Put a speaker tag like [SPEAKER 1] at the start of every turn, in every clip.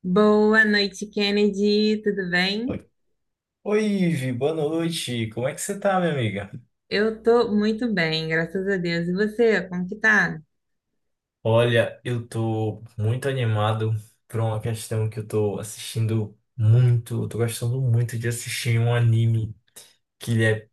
[SPEAKER 1] Boa noite, Kennedy. Tudo bem?
[SPEAKER 2] Oi, Oi, Ivi, boa noite. Como é que você tá, minha amiga?
[SPEAKER 1] Eu tô muito bem, graças a Deus. E você, como que tá?
[SPEAKER 2] Olha, eu tô muito animado por uma questão que eu tô assistindo muito, eu tô gostando muito de assistir um anime que ele é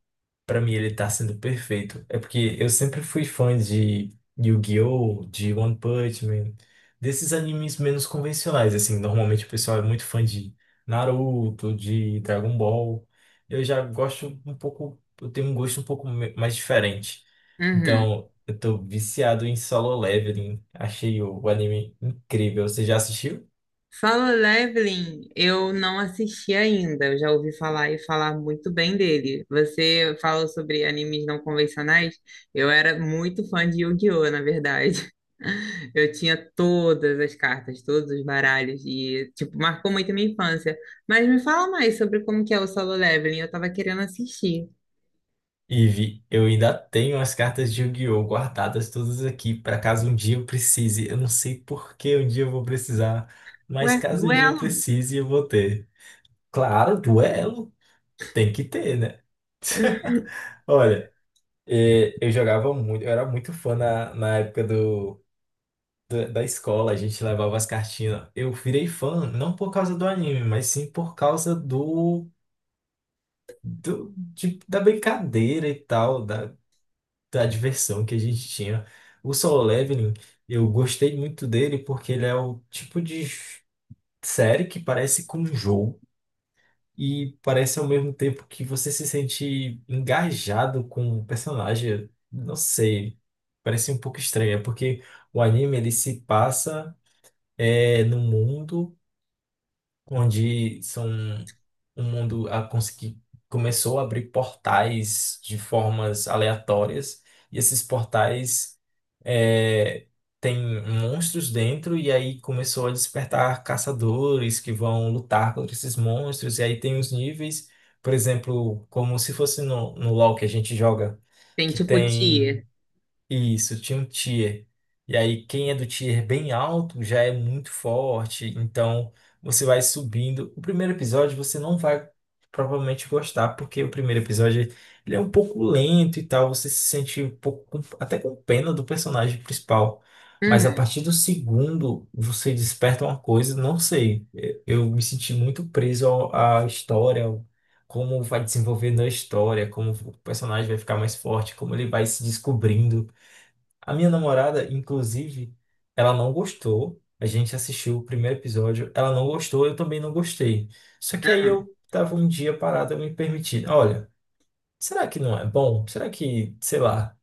[SPEAKER 2] Pra mim ele tá sendo perfeito. É porque eu sempre fui fã de Yu-Gi-Oh!, de One Punch Man, desses animes menos convencionais, assim, normalmente o pessoal é muito fã de Naruto, de Dragon Ball. Eu já gosto um pouco, eu tenho um gosto um pouco mais diferente.
[SPEAKER 1] Uhum.
[SPEAKER 2] Então, eu tô viciado em Solo Leveling. Achei o anime incrível. Você já assistiu?
[SPEAKER 1] Solo Leveling, eu não assisti ainda. Eu já ouvi falar e falar muito bem dele. Você falou sobre animes não convencionais. Eu era muito fã de Yu-Gi-Oh, na verdade. Eu tinha todas as cartas, todos os baralhos e, tipo, marcou muito a minha infância. Mas me fala mais sobre como que é o Solo Leveling. Eu tava querendo assistir.
[SPEAKER 2] Ive, eu ainda tenho as cartas de Yu-Gi-Oh! Guardadas todas aqui, para caso um dia eu precise. Eu não sei por que um dia eu vou precisar, mas
[SPEAKER 1] Ué,
[SPEAKER 2] caso um dia eu
[SPEAKER 1] duelo?
[SPEAKER 2] precise, eu vou ter. Claro, duelo, tem que ter, né? Olha, eu jogava muito, eu era muito fã na época da escola, a gente levava as cartinhas. Eu virei fã, não por causa do anime, mas sim por causa da brincadeira e tal, da, da diversão que a gente tinha. O Solo Leveling, eu gostei muito dele porque ele é o tipo de série que parece com um jogo e parece ao mesmo tempo que você se sente engajado com o personagem. Não sei, parece um pouco estranho, é porque o anime ele se passa no mundo onde são um mundo a conseguir começou a abrir portais de formas aleatórias e esses portais é, têm monstros dentro e aí começou a despertar caçadores que vão lutar contra esses monstros e aí tem os níveis, por exemplo, como se fosse no LoL que a gente joga,
[SPEAKER 1] Tem
[SPEAKER 2] que
[SPEAKER 1] tipo
[SPEAKER 2] tem
[SPEAKER 1] tia.
[SPEAKER 2] isso, tinha um tier. E aí, quem é do tier bem alto já é muito forte, então você vai subindo. O primeiro episódio você não vai provavelmente gostar, porque o primeiro episódio ele é um pouco lento e tal, você se sente um pouco até com pena do personagem principal. Mas a
[SPEAKER 1] Uhum.
[SPEAKER 2] partir do segundo, você desperta uma coisa, não sei. Eu me senti muito preso à história, como vai desenvolvendo a história, como o personagem vai ficar mais forte, como ele vai se descobrindo. A minha namorada, inclusive, ela não gostou. A gente assistiu o primeiro episódio, ela não gostou, eu também não gostei. Só que aí eu tava um dia parado, eu me permiti. Olha, será que não é bom? Será que, sei lá,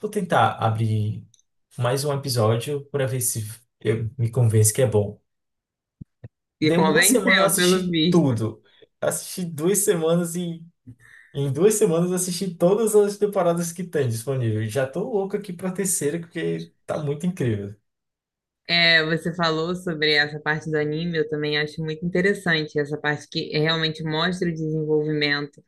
[SPEAKER 2] vou tentar abrir mais um episódio para ver se eu me convenço que é bom.
[SPEAKER 1] E
[SPEAKER 2] Deu uma semana eu
[SPEAKER 1] convenceu, pelo
[SPEAKER 2] assisti
[SPEAKER 1] visto.
[SPEAKER 2] tudo. Assisti duas semanas e em duas semanas eu assisti todas as temporadas que tem disponível. Já tô louco aqui pra terceira porque tá muito incrível.
[SPEAKER 1] É, você falou sobre essa parte do anime, eu também acho muito interessante essa parte que realmente mostra o desenvolvimento,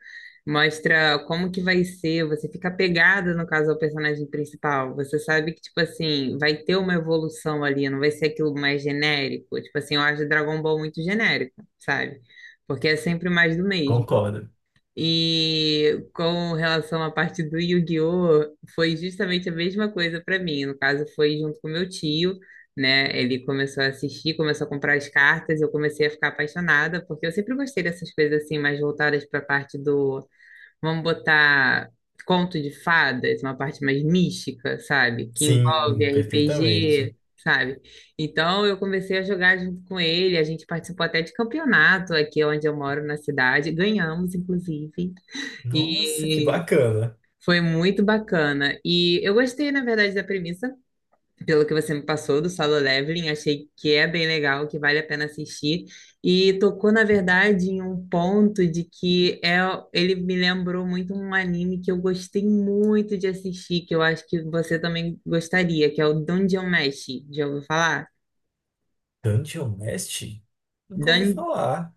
[SPEAKER 1] mostra como que vai ser, você fica apegada, no caso, ao personagem principal. Você sabe que, tipo assim, vai ter uma evolução ali, não vai ser aquilo mais genérico. Tipo assim, eu acho Dragon Ball muito genérico, sabe? Porque é sempre mais do mesmo.
[SPEAKER 2] Concordo.
[SPEAKER 1] E com relação à parte do Yu-Gi-Oh, foi justamente a mesma coisa para mim. No caso, foi junto com meu tio, né? Ele começou a assistir, começou a comprar as cartas, eu comecei a ficar apaixonada, porque eu sempre gostei dessas coisas assim mais voltadas para a parte do, vamos botar, conto de fadas, uma parte mais mística, sabe? Que envolve
[SPEAKER 2] Sim,
[SPEAKER 1] RPG,
[SPEAKER 2] perfeitamente.
[SPEAKER 1] sabe? Então eu comecei a jogar junto com ele, a gente participou até de campeonato aqui onde eu moro na cidade, ganhamos, inclusive,
[SPEAKER 2] Nossa, que
[SPEAKER 1] e
[SPEAKER 2] bacana.
[SPEAKER 1] foi muito bacana. E eu gostei, na verdade, da premissa, pelo que você me passou do Solo Leveling, achei que é bem legal, que vale a pena assistir. E tocou, na verdade, em um ponto de que ele me lembrou muito um anime que eu gostei muito de assistir, que eu acho que você também gostaria, que é o Dungeon Meshi. Já ouviu falar?
[SPEAKER 2] Dungeon mestre, nunca ouvi falar.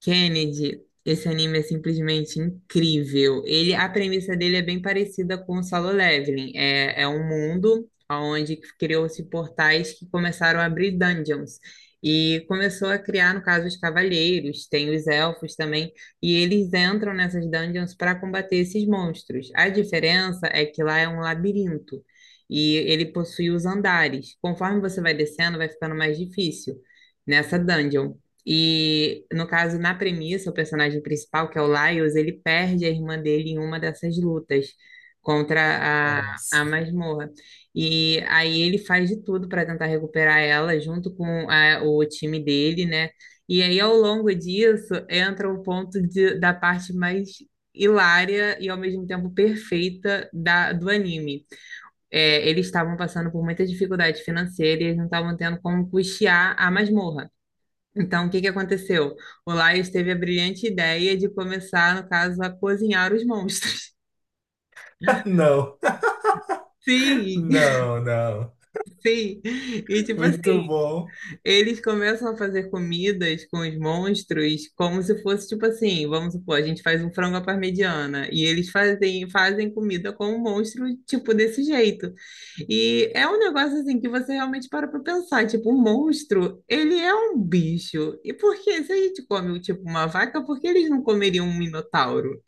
[SPEAKER 1] Kennedy, esse anime é simplesmente incrível. Ele, a premissa dele é bem parecida com o Solo Leveling. É, é um mundo onde criou-se portais que começaram a abrir dungeons. E começou a criar, no caso, os cavaleiros, tem os elfos também, e eles entram nessas dungeons para combater esses monstros. A diferença é que lá é um labirinto e ele possui os andares. Conforme você vai descendo, vai ficando mais difícil nessa dungeon. E no caso, na premissa, o personagem principal, que é o Lyles, ele perde a irmã dele em uma dessas lutas contra a
[SPEAKER 2] Nossa.
[SPEAKER 1] masmorra. E aí ele faz de tudo para tentar recuperar ela junto com o time dele, né? E aí, ao longo disso, entra o ponto da parte mais hilária e ao mesmo tempo perfeita do anime. Eles estavam passando por muita dificuldade financeira e eles não estavam tendo como custear a masmorra. Então, o que que aconteceu? O Laios teve a brilhante ideia de começar, no caso, a cozinhar os monstros.
[SPEAKER 2] Não,
[SPEAKER 1] Sim,
[SPEAKER 2] não, não.
[SPEAKER 1] sim. E tipo assim,
[SPEAKER 2] Muito bom.
[SPEAKER 1] eles começam a fazer comidas com os monstros como se fosse tipo assim, vamos supor, a gente faz um frango à parmegiana e eles fazem comida com o monstro tipo desse jeito. E é um negócio assim que você realmente para pra pensar, tipo, o monstro, ele é um bicho. E por que, se a gente come, tipo, uma vaca, por que eles não comeriam um minotauro?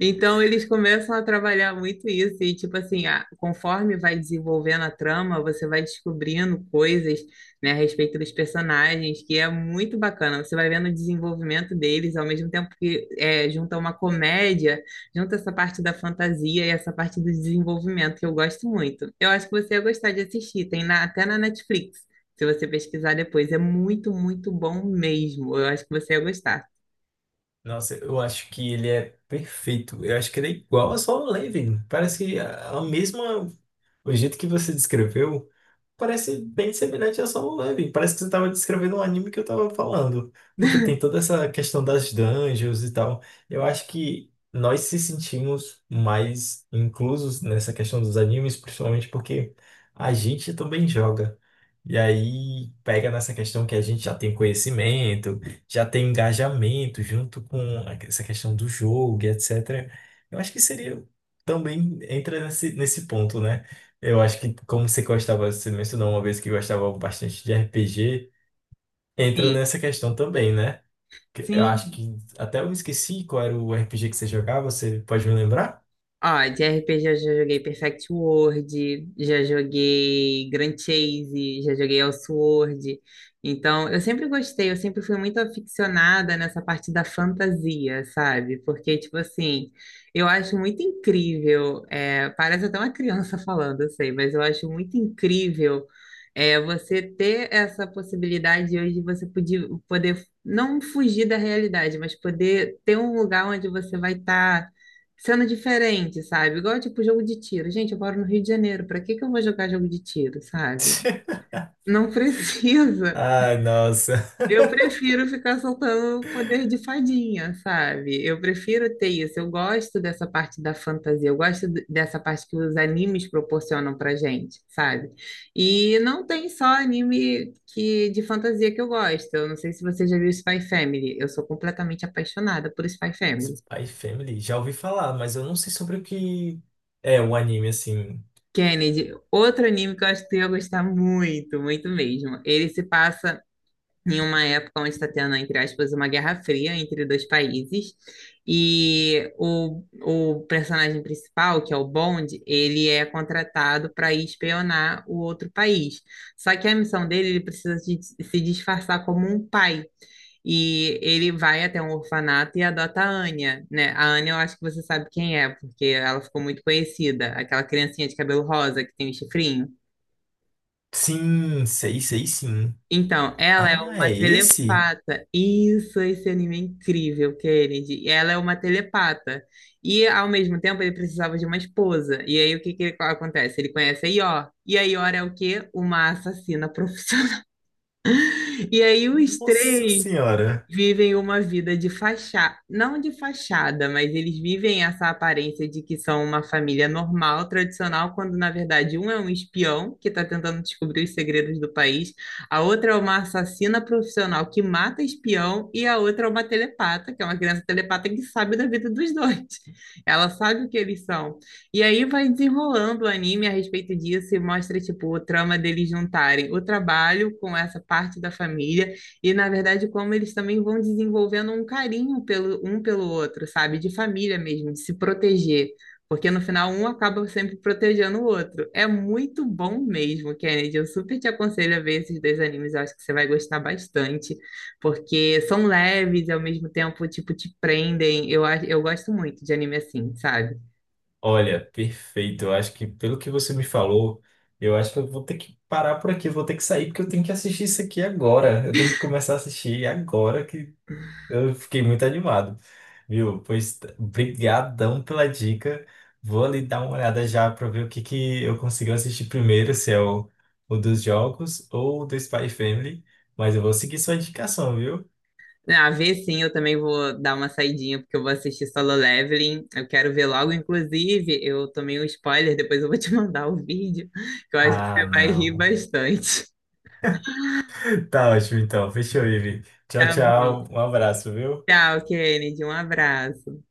[SPEAKER 1] Então eles começam a trabalhar muito isso, e tipo assim, conforme vai desenvolvendo a trama, você vai descobrindo coisas, né, a respeito dos personagens, que é muito bacana. Você vai vendo o desenvolvimento deles, ao mesmo tempo que junta uma comédia, junta essa parte da fantasia e essa parte do desenvolvimento, que eu gosto muito. Eu acho que você ia gostar de assistir, tem até na Netflix, se você pesquisar depois. É muito, muito bom mesmo. Eu acho que você ia gostar.
[SPEAKER 2] Nossa, eu acho que ele é perfeito. Eu acho que ele é igual a Solo Leveling. Parece que a mesma. O jeito que você descreveu parece bem semelhante a Solo Leveling. Parece que você estava descrevendo um anime que eu estava falando. Porque tem toda essa questão das dungeons e tal. Eu acho que nós se sentimos mais inclusos nessa questão dos animes, principalmente porque a gente também joga. E aí pega nessa questão que a gente já tem conhecimento, já tem engajamento junto com essa questão do jogo e etc. Eu acho que seria também entra nesse ponto, né? Eu acho que como você gostava, você mencionou uma vez que gostava bastante de RPG, entra
[SPEAKER 1] Sim,
[SPEAKER 2] nessa questão também, né? Que eu acho
[SPEAKER 1] sim.
[SPEAKER 2] que até eu me esqueci qual era o RPG que você jogava, você pode me lembrar?
[SPEAKER 1] Ó, de RPG eu já joguei Perfect World, já joguei Grand Chase, já joguei Elsword. Então, eu sempre gostei, eu sempre fui muito aficionada nessa parte da fantasia, sabe? Porque, tipo assim, eu acho muito incrível, parece até uma criança falando, eu sei, mas eu acho muito incrível, você ter essa possibilidade hoje de você poder, poder não fugir da realidade, mas poder ter um lugar onde você vai estar sendo diferente, sabe? Igual tipo jogo de tiro. Gente, eu moro no Rio de Janeiro, pra que que eu vou jogar jogo de tiro, sabe? Não precisa.
[SPEAKER 2] Ah, nossa.
[SPEAKER 1] Eu prefiro ficar soltando o poder de fadinha, sabe? Eu prefiro ter isso. Eu gosto dessa parte da fantasia, eu gosto dessa parte que os animes proporcionam pra gente, sabe? E não tem só anime que de fantasia que eu gosto. Eu não sei se você já viu Spy Family. Eu sou completamente apaixonada por Spy Family.
[SPEAKER 2] Spy Family, já ouvi falar, mas eu não sei sobre o que é o anime assim.
[SPEAKER 1] Kennedy, outro anime que eu acho que tu ia gostar muito, muito mesmo. Ele se passa em uma época onde está tendo, entre aspas, uma guerra fria entre dois países. E o personagem principal, que é o Bond, ele é contratado para ir espionar o outro país. Só que a missão dele, ele precisa se disfarçar como um pai. E ele vai até um orfanato e adota a Anya, né? A Anya eu acho que você sabe quem é, porque ela ficou muito conhecida, aquela criancinha de cabelo rosa que tem o chifrinho.
[SPEAKER 2] Sim, sei, sei sim.
[SPEAKER 1] Então, ela é
[SPEAKER 2] Ah,
[SPEAKER 1] uma
[SPEAKER 2] é esse?
[SPEAKER 1] telepata. Isso, esse anime é incrível, Kennedy. Ela é uma telepata. E, ao mesmo tempo, ele precisava de uma esposa. E aí, o que que acontece? Ele conhece a Ior. E a Ior é o quê? Uma assassina profissional. E aí, os
[SPEAKER 2] Nossa
[SPEAKER 1] três
[SPEAKER 2] senhora.
[SPEAKER 1] vivem uma vida de fachada, não de fachada, mas eles vivem essa aparência de que são uma família normal, tradicional, quando na verdade um é um espião que está tentando descobrir os segredos do país, a outra é uma assassina profissional que mata espião e a outra é uma telepata, que é uma criança telepata que sabe da vida dos dois. Ela sabe o que eles são. E aí vai desenrolando o anime a respeito disso e mostra tipo o trama deles juntarem o trabalho com essa parte da família e, na verdade, como eles também vão desenvolvendo um carinho pelo, um pelo outro, sabe? De família mesmo, de se proteger. Porque no final um acaba sempre protegendo o outro. É muito bom mesmo, Kennedy. Eu super te aconselho a ver esses dois animes. Eu acho que você vai gostar bastante, porque são leves e ao mesmo tempo, tipo, te prendem. Eu gosto muito de anime assim, sabe?
[SPEAKER 2] Olha, perfeito. Eu acho que pelo que você me falou, eu acho que eu vou ter que parar por aqui, eu vou ter que sair porque eu tenho que assistir isso aqui agora. Eu tenho que começar a assistir agora que eu fiquei muito animado. Viu? Pois brigadão pela dica. Vou ali dar uma olhada já para ver o que que eu consigo assistir primeiro, se é o dos jogos ou o do Spy Family, mas eu vou seguir sua indicação, viu?
[SPEAKER 1] Ah, ver sim, eu também vou dar uma saidinha, porque eu vou assistir Solo Leveling. Eu quero ver logo, inclusive, eu tomei um spoiler, depois eu vou te mandar o vídeo, que eu acho que
[SPEAKER 2] Ah,
[SPEAKER 1] você vai rir
[SPEAKER 2] não.
[SPEAKER 1] bastante.
[SPEAKER 2] Tá ótimo então. Fechou, Ivi. Tchau,
[SPEAKER 1] Tá bom.
[SPEAKER 2] tchau. Um abraço, viu?
[SPEAKER 1] Tchau, Kennedy. Um abraço.